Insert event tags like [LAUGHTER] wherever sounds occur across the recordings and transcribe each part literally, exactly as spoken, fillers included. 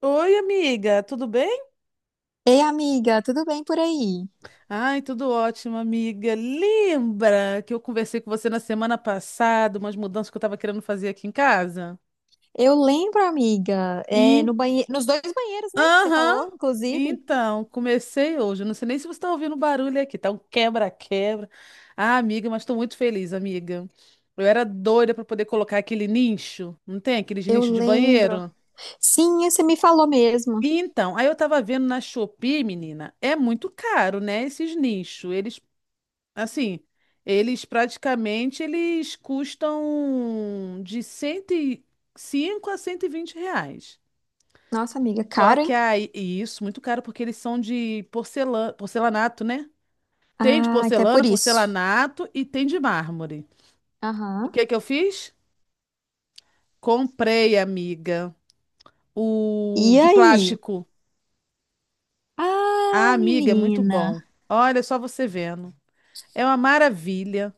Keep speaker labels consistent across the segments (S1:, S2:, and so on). S1: Oi, amiga, tudo bem?
S2: Ei, amiga, tudo bem por aí?
S1: Ai, tudo ótimo, amiga. Lembra que eu conversei com você na semana passada, umas mudanças que eu estava querendo fazer aqui em casa?
S2: Eu lembro, amiga, é,
S1: E,
S2: no banhe... nos dois banheiros, né? Que você
S1: aham,
S2: falou, inclusive.
S1: então, comecei hoje. Eu não sei nem se você está ouvindo barulho aqui, tá um quebra-quebra. Ah, amiga, mas estou muito feliz, amiga. Eu era doida para poder colocar aquele nicho, não tem? Aqueles
S2: Eu
S1: nicho de
S2: lembro.
S1: banheiro?
S2: Sim, você me falou mesmo.
S1: Então, aí eu tava vendo na Shopee, menina, é muito caro, né? Esses nichos. Eles Assim, eles praticamente eles custam de cento e cinco a cento e vinte reais.
S2: Nossa, amiga,
S1: Só
S2: caro, hein?
S1: que aí, e isso, muito caro, porque eles são de porcelana, porcelanato, né? Tem de
S2: Ah, até
S1: porcelana,
S2: por isso.
S1: porcelanato e tem de mármore. O
S2: Aham.
S1: que que eu fiz? Comprei, amiga, o
S2: E
S1: de
S2: aí?
S1: plástico. Ah,
S2: Ah,
S1: amiga, é muito
S2: menina.
S1: bom. Olha só você vendo. É uma maravilha.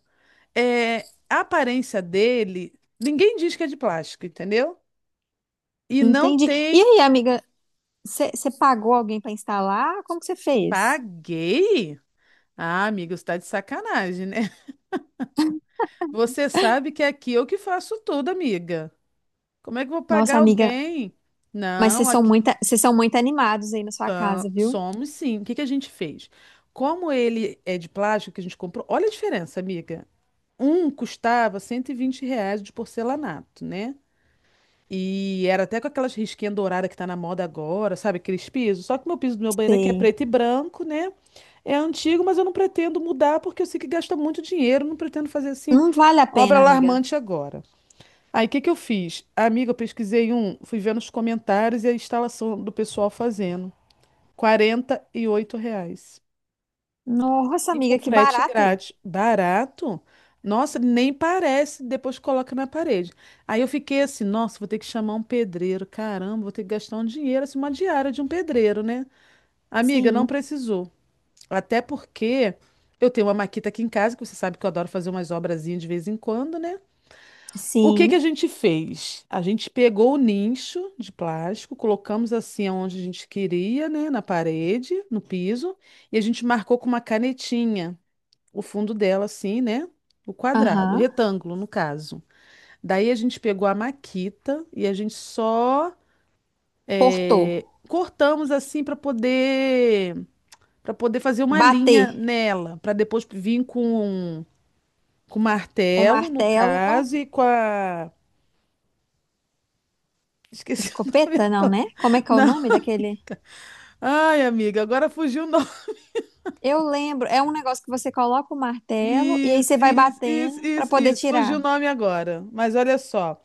S1: É, a aparência dele, ninguém diz que é de plástico, entendeu? E não
S2: Entendi. E
S1: tem.
S2: aí, amiga, você você pagou alguém para instalar? Como que você fez?
S1: Paguei? Ah, amiga, você tá de sacanagem, né? [LAUGHS] Você sabe que aqui eu que faço tudo, amiga. Como é que eu vou
S2: Nossa,
S1: pagar
S2: amiga,
S1: alguém?
S2: mas
S1: Não,
S2: vocês são
S1: aqui
S2: muito, vocês são muito animados aí na sua
S1: ah,
S2: casa, viu?
S1: somos sim. O que que a gente fez? Como ele é de plástico que a gente comprou, olha a diferença, amiga. Um custava cento e vinte reais de porcelanato, né? E era até com aquelas risquinhas douradas que tá na moda agora, sabe? Aqueles pisos. Só que o meu piso do meu banheiro aqui é
S2: Sei.
S1: preto e branco, né? É antigo, mas eu não pretendo mudar porque eu sei que gasta muito dinheiro, não pretendo fazer assim
S2: Não vale a
S1: obra
S2: pena, amiga.
S1: alarmante agora. Aí o que que eu fiz? Amiga, eu pesquisei um, fui vendo os comentários e a instalação do pessoal fazendo. Quarenta e oito reais.
S2: Nossa,
S1: E com
S2: amiga, que
S1: frete
S2: barato.
S1: grátis. Barato? Nossa, nem parece, depois coloca na parede. Aí eu fiquei assim, nossa, vou ter que chamar um pedreiro. Caramba, vou ter que gastar um dinheiro, assim, uma diária de um pedreiro, né? Amiga, não
S2: Sim,
S1: precisou. Até porque eu tenho uma maquita aqui em casa, que você sabe que eu adoro fazer umas obrazinhas de vez em quando, né? O que
S2: sim,
S1: que a gente fez? A gente pegou o nicho de plástico, colocamos assim onde a gente queria, né? Na parede, no piso, e a gente marcou com uma canetinha o fundo dela, assim, né? O quadrado, o
S2: aham.
S1: retângulo, no caso. Daí a gente pegou a maquita e a gente só
S2: Portou,
S1: é, cortamos assim para poder para poder fazer uma
S2: bater,
S1: linha nela, para depois vir com um Com
S2: o
S1: martelo, no
S2: martelo,
S1: caso, e com a. [LAUGHS] Esqueci o nome
S2: escopeta, não,
S1: agora.
S2: né? Como é que é o
S1: Não.
S2: nome daquele?
S1: Ai, amiga, agora fugiu o nome.
S2: Eu lembro, é um negócio que você coloca o martelo e aí
S1: Isso,
S2: você vai
S1: isso, isso,
S2: batendo pra
S1: isso,
S2: poder
S1: isso. Fugiu o
S2: tirar.
S1: nome agora. Mas olha só.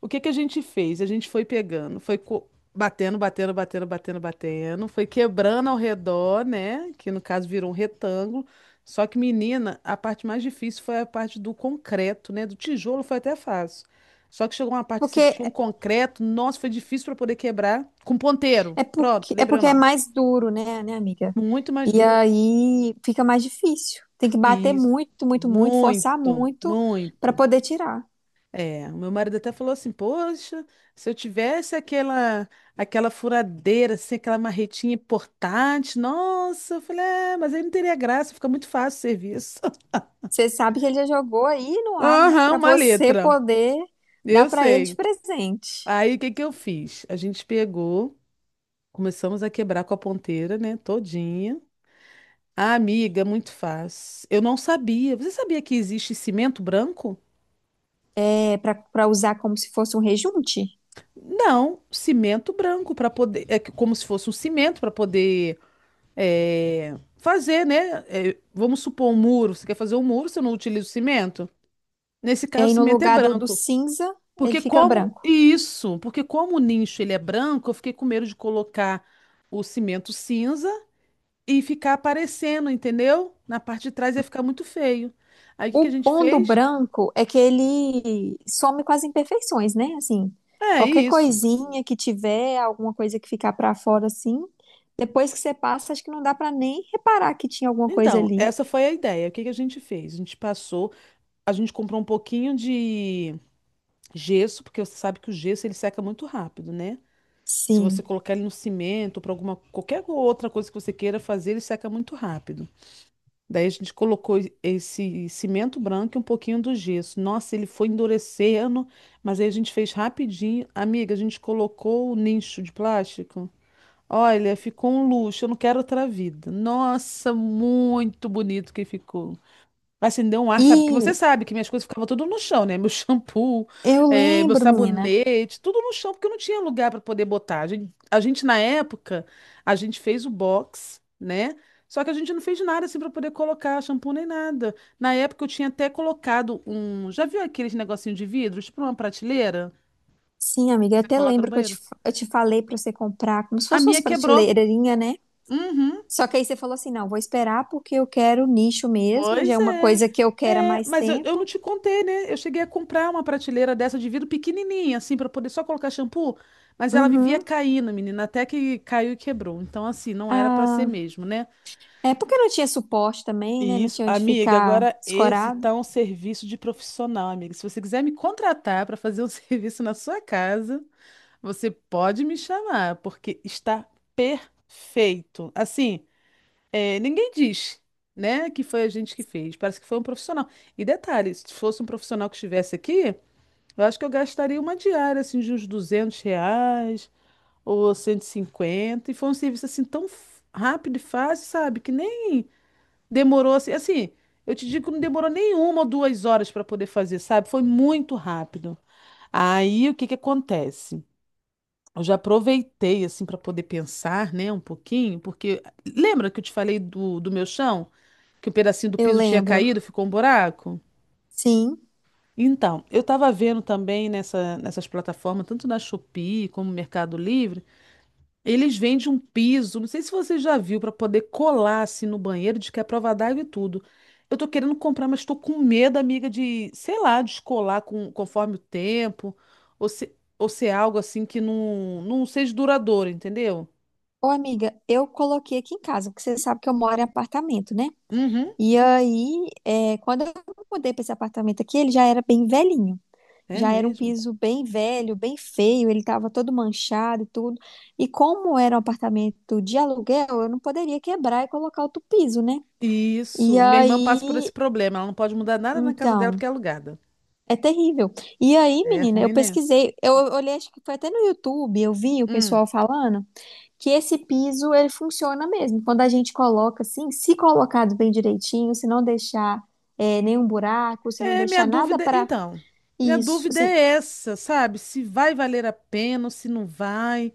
S1: O que que a gente fez? A gente foi pegando, foi co- batendo, batendo, batendo, batendo, batendo, foi quebrando ao redor, né? Que no caso virou um retângulo. Só que, menina, a parte mais difícil foi a parte do concreto, né? Do tijolo foi até fácil. Só que chegou uma parte assim que
S2: Porque
S1: tinha um concreto, nossa, foi difícil para poder quebrar com ponteiro.
S2: é
S1: Pronto,
S2: porque é
S1: lembrei o
S2: porque é
S1: nome.
S2: mais duro, né, né, amiga?
S1: Muito mais
S2: E
S1: duro.
S2: aí fica mais difícil. Tem que bater
S1: Isso.
S2: muito, muito, muito, forçar
S1: Muito,
S2: muito pra
S1: muito.
S2: poder tirar.
S1: É, o meu marido até falou assim, poxa, se eu tivesse aquela aquela furadeira, assim, aquela marretinha portátil, nossa, eu falei, é, mas aí não teria graça, fica muito fácil o serviço.
S2: Você sabe que ele já jogou aí
S1: [LAUGHS]
S2: no ar, né?
S1: Aham,
S2: Pra
S1: uma
S2: você
S1: letra,
S2: poder dar
S1: eu
S2: pra ele de
S1: sei.
S2: presente.
S1: Aí o que que eu fiz? A gente pegou, começamos a quebrar com a ponteira, né, todinha. Ah, amiga, muito fácil. Eu não sabia. Você sabia que existe cimento branco?
S2: É, para usar como se fosse um rejunte.
S1: Não, cimento branco para poder, é que- como se fosse um cimento para poder é, fazer, né? é, vamos supor um muro. Você quer fazer um muro, você não utiliza o cimento? Nesse
S2: É, e
S1: caso, o
S2: aí no
S1: cimento é
S2: lugar do, do
S1: branco.
S2: cinza, ele
S1: Porque
S2: fica
S1: como
S2: branco.
S1: isso, porque como o nicho ele é branco, eu fiquei com medo de colocar o cimento cinza e ficar aparecendo, entendeu? Na parte de trás ia ficar muito feio. Aí o que que a
S2: O
S1: gente
S2: bom do
S1: fez?
S2: branco é que ele some com as imperfeições, né? Assim,
S1: É
S2: qualquer
S1: isso.
S2: coisinha que tiver, alguma coisa que ficar para fora assim, depois que você passa, acho que não dá para nem reparar que tinha alguma coisa
S1: Então,
S2: ali.
S1: essa foi a ideia. O que que a gente fez? A gente passou, a gente comprou um pouquinho de gesso, porque você sabe que o gesso ele seca muito rápido, né? Se você
S2: Sim.
S1: colocar ele no cimento, para alguma qualquer outra coisa que você queira fazer, ele seca muito rápido. Daí a gente colocou e- esse cimento branco e um pouquinho do gesso. Nossa, ele foi endurecendo, mas aí a gente fez rapidinho. Amiga, a gente colocou o nicho de plástico. Olha, ficou um luxo. Eu não quero outra vida. Nossa, muito bonito que ficou. Acendeu um ar, sabe? Que você
S2: E
S1: sabe que minhas coisas ficavam tudo no chão, né? Meu [LAUGHS] shampoo,
S2: eu
S1: eh, meu
S2: lembro, menina.
S1: sabonete, tudo no chão, porque eu não tinha lugar para poder botar. A gen- a gente, na época, a gente fez o box, né? Só que a gente não fez nada assim para poder colocar shampoo nem nada. Na época eu tinha até colocado um. Já viu aqueles negocinho de vidro, tipo uma prateleira?
S2: Sim, amiga,
S1: Que
S2: eu
S1: você
S2: até
S1: coloca no
S2: lembro que eu
S1: banheiro?
S2: te, eu te falei para você comprar como se
S1: A
S2: fosse
S1: minha
S2: umas
S1: quebrou.
S2: prateleirinhas, né?
S1: Uhum.
S2: Só que aí você falou assim, não, vou esperar porque eu quero nicho mesmo, já
S1: Pois
S2: é uma
S1: é.
S2: coisa que eu quero há
S1: É,
S2: mais
S1: mas eu, eu não
S2: tempo.
S1: te contei, né? Eu cheguei a comprar uma prateleira dessa de vidro pequenininha, assim, para poder só colocar shampoo, mas ela vivia
S2: Uhum.
S1: caindo, menina, até que caiu e quebrou. Então, assim, não era para ser
S2: Ah,
S1: mesmo, né?
S2: é porque não tinha suporte também, né?
S1: E
S2: Não
S1: isso,
S2: tinha onde
S1: amiga,
S2: ficar
S1: agora esse
S2: escorado.
S1: tá um serviço de profissional, amiga. Se você quiser me contratar para fazer um [LAUGHS] serviço na sua casa, você pode me chamar, porque está perfeito. Assim, é, ninguém diz, né, que foi a gente que fez. Parece que foi um profissional. E detalhe, se fosse um profissional que estivesse aqui, eu acho que eu gastaria uma diária, assim, de uns duzentos reais ou cento e cinquenta. E cinquenta. E foi um serviço, assim, tão f- rápido e fácil, sabe? Que nem demorou, assim, assim, eu te digo que não demorou nem uma ou duas horas para poder fazer, sabe? Foi muito rápido. Aí, o que que acontece? Eu já aproveitei, assim, para poder pensar, né, um pouquinho, porque lembra que eu te falei do, do meu chão? Que o pedacinho do
S2: Eu
S1: piso tinha
S2: lembro.
S1: caído, ficou um buraco.
S2: Sim.
S1: Então, eu estava vendo também nessa, nessas plataformas, tanto na Shopee como no Mercado Livre, eles vendem um piso, não sei se você já viu, para poder colar assim no banheiro, de que é prova d'água e tudo. Eu tô querendo comprar, mas estou com medo, amiga, de, sei lá, descolar com, conforme o tempo, ou se, ou ser algo assim que não, não seja duradouro, entendeu?
S2: Ô, amiga, eu coloquei aqui em casa, porque você sabe que eu moro em apartamento, né?
S1: Uhum,
S2: E aí, é, quando eu mudei para esse apartamento aqui, ele já era bem velhinho.
S1: é
S2: Já era um
S1: mesmo.
S2: piso bem velho, bem feio, ele estava todo manchado e tudo. E como era um apartamento de aluguel, eu não poderia quebrar e colocar outro piso, né? E
S1: Isso. Minha irmã passa por
S2: aí,
S1: esse problema, ela não pode mudar nada na casa dela
S2: então,
S1: porque é alugada.
S2: é terrível. E aí,
S1: É
S2: menina, eu
S1: ruim, né?
S2: pesquisei, eu olhei, acho que foi até no YouTube, eu vi o
S1: Hum.
S2: pessoal falando que esse piso ele funciona mesmo. Quando a gente coloca assim, se colocado bem direitinho, se não deixar eh, nenhum buraco, se não
S1: É, minha
S2: deixar nada
S1: dúvida,
S2: para
S1: então, minha
S2: isso,
S1: dúvida
S2: assim,
S1: é essa, sabe? Se vai valer a pena ou se não vai.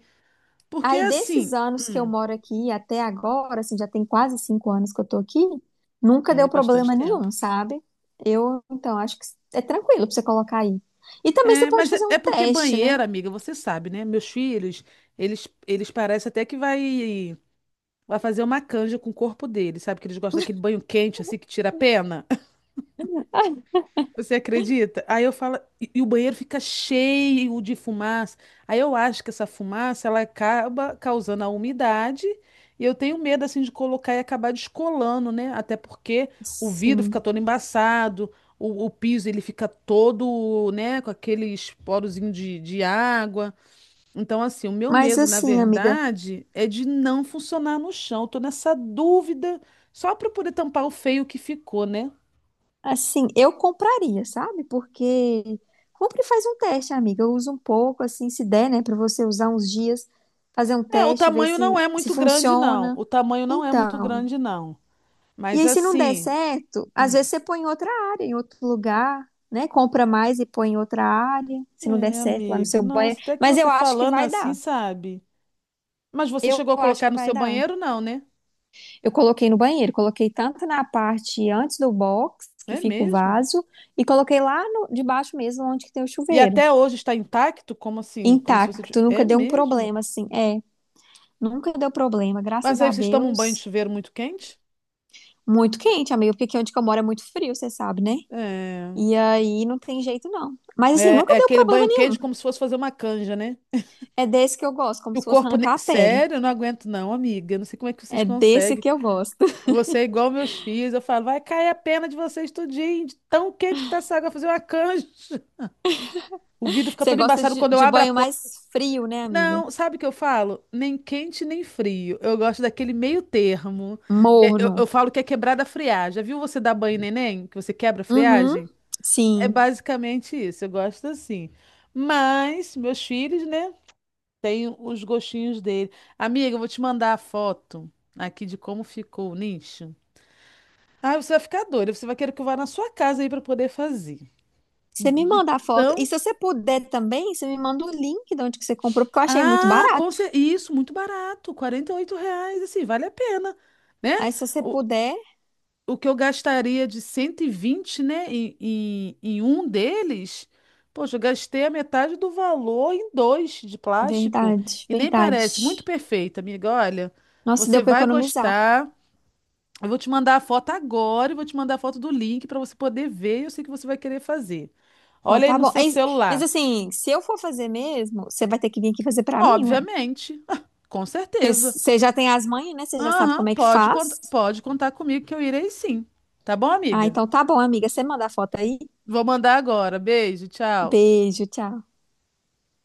S1: Porque
S2: aí,
S1: assim,
S2: desses anos que eu
S1: hum,
S2: moro aqui até agora, assim, já tem quase cinco anos que eu tô aqui, nunca
S1: é
S2: deu
S1: bastante
S2: problema
S1: tempo.
S2: nenhum, sabe? Eu, então, acho que é tranquilo pra você colocar aí. E também você
S1: É,
S2: pode
S1: mas é,
S2: fazer um
S1: é porque
S2: teste, né?
S1: banheiro, amiga, você sabe, né? Meus filhos, eles eles parecem até que vai vai fazer uma canja com o corpo deles, sabe? Que eles gostam daquele banho quente assim que tira a pena.
S2: Ai,
S1: Você acredita? Aí eu falo, e, e o banheiro fica cheio de fumaça. Aí eu acho que essa fumaça ela acaba causando a umidade e eu tenho medo assim de colocar e acabar descolando, né? Até porque o vidro fica
S2: sim.
S1: todo embaçado, o, o piso ele fica todo, né, com aqueles porozinhos de, de água. Então, assim, o meu
S2: Mas
S1: medo, na
S2: assim, amiga,
S1: verdade, é de não funcionar no chão. Eu tô nessa dúvida só para poder tampar o feio que ficou, né?
S2: assim, eu compraria, sabe? Porque compra e faz um teste, amiga. Usa um pouco, assim, se der, né, pra você usar uns dias, fazer um
S1: É, o
S2: teste, ver
S1: tamanho não
S2: se,
S1: é
S2: se
S1: muito grande, não.
S2: funciona.
S1: O tamanho não é muito
S2: Então.
S1: grande, não.
S2: E
S1: Mas
S2: aí, se não der
S1: assim.
S2: certo, às
S1: Hum,
S2: vezes você põe em outra área, em outro lugar, né? Compra mais e põe em outra área, se não der
S1: é,
S2: certo lá no
S1: amiga.
S2: seu
S1: Nossa,
S2: banheiro.
S1: até que
S2: Mas eu
S1: você
S2: acho que
S1: falando
S2: vai
S1: assim,
S2: dar.
S1: sabe? Mas você
S2: Eu
S1: chegou a
S2: acho
S1: colocar
S2: que
S1: no
S2: vai
S1: seu
S2: dar.
S1: banheiro, não, né?
S2: Eu coloquei no banheiro, coloquei tanto na parte antes do box, que
S1: É
S2: fica o
S1: mesmo?
S2: vaso, e coloquei lá no, debaixo mesmo, onde que tem o
S1: E
S2: chuveiro.
S1: até hoje está intacto? Como assim? Como se você. ti-
S2: Intacto, nunca
S1: É
S2: deu um
S1: mesmo?
S2: problema, assim. É, nunca deu problema, graças
S1: Mas aí
S2: a
S1: vocês tomam um banho de
S2: Deus.
S1: chuveiro muito quente?
S2: Muito quente, amigo, porque aqui onde que eu moro é muito frio, você sabe, né?
S1: É.
S2: E aí não tem jeito, não. Mas assim,
S1: É,
S2: nunca
S1: é
S2: deu
S1: aquele
S2: problema.
S1: banho quente como se fosse fazer uma canja, né?
S2: É desse que eu gosto, como
S1: E o
S2: se fosse
S1: corpo. ne-
S2: arrancar a pele.
S1: Sério, eu não aguento, não, amiga. Eu não sei como é que vocês
S2: É desse
S1: conseguem.
S2: que eu gosto.
S1: Você é igual meus filhos. Eu falo, vai cair a pena de vocês tudinho, de tão quente que tá essa água, fazer uma canja. [LAUGHS] O vidro
S2: [LAUGHS]
S1: fica
S2: Você
S1: todo
S2: gosta
S1: embaçado
S2: de,
S1: quando eu
S2: de
S1: abro a
S2: banho
S1: porta.
S2: mais frio, né, amiga?
S1: Não, sabe o que eu falo? Nem quente, nem frio. Eu gosto daquele meio termo. É, Eu,
S2: Morno.
S1: eu falo que é quebrada a friagem. Já viu você dar banho em neném? Que você quebra a
S2: Uhum,
S1: friagem? É
S2: sim.
S1: basicamente isso. Eu gosto assim. Mas, meus filhos, né? Tem os gostinhos dele. Amiga, eu vou te mandar a foto aqui de como ficou o nicho. Ah, você vai ficar doida. Você vai querer que eu vá na sua casa aí para poder fazer.
S2: Você me
S1: De
S2: manda a foto. E
S1: tão.
S2: se você puder também, você me manda o link de onde que você comprou, porque eu achei muito
S1: Ah, com cer-
S2: barato.
S1: isso, muito barato. Quarenta e oito reais, assim, vale a pena, né?
S2: Aí, se você
S1: O,
S2: puder.
S1: o que eu gastaria de cento e vinte, né, em, em, em um deles, poxa, eu gastei a metade do valor em dois de plástico.
S2: Verdade,
S1: E nem parece. Muito
S2: verdade.
S1: perfeito, amiga. Olha,
S2: Nossa,
S1: você
S2: deu pra
S1: vai
S2: economizar.
S1: gostar. Eu vou te mandar a foto agora, eu vou te mandar a foto do link para você poder ver. Eu sei que você vai querer fazer.
S2: Então
S1: Olha aí
S2: tá
S1: no
S2: bom.
S1: seu
S2: Aí, mas
S1: celular.
S2: assim, se eu for fazer mesmo, você vai ter que vir aqui fazer pra mim, ué.
S1: Obviamente, [LAUGHS] com
S2: Porque
S1: certeza.
S2: você já tem as manhas, né? Você já sabe
S1: Aham,
S2: como é que
S1: pode, cont-
S2: faz.
S1: pode contar comigo que eu irei sim. Tá bom,
S2: Ah,
S1: amiga?
S2: então tá bom, amiga. Você manda a foto aí.
S1: Vou mandar agora. Beijo, tchau.
S2: Beijo, tchau.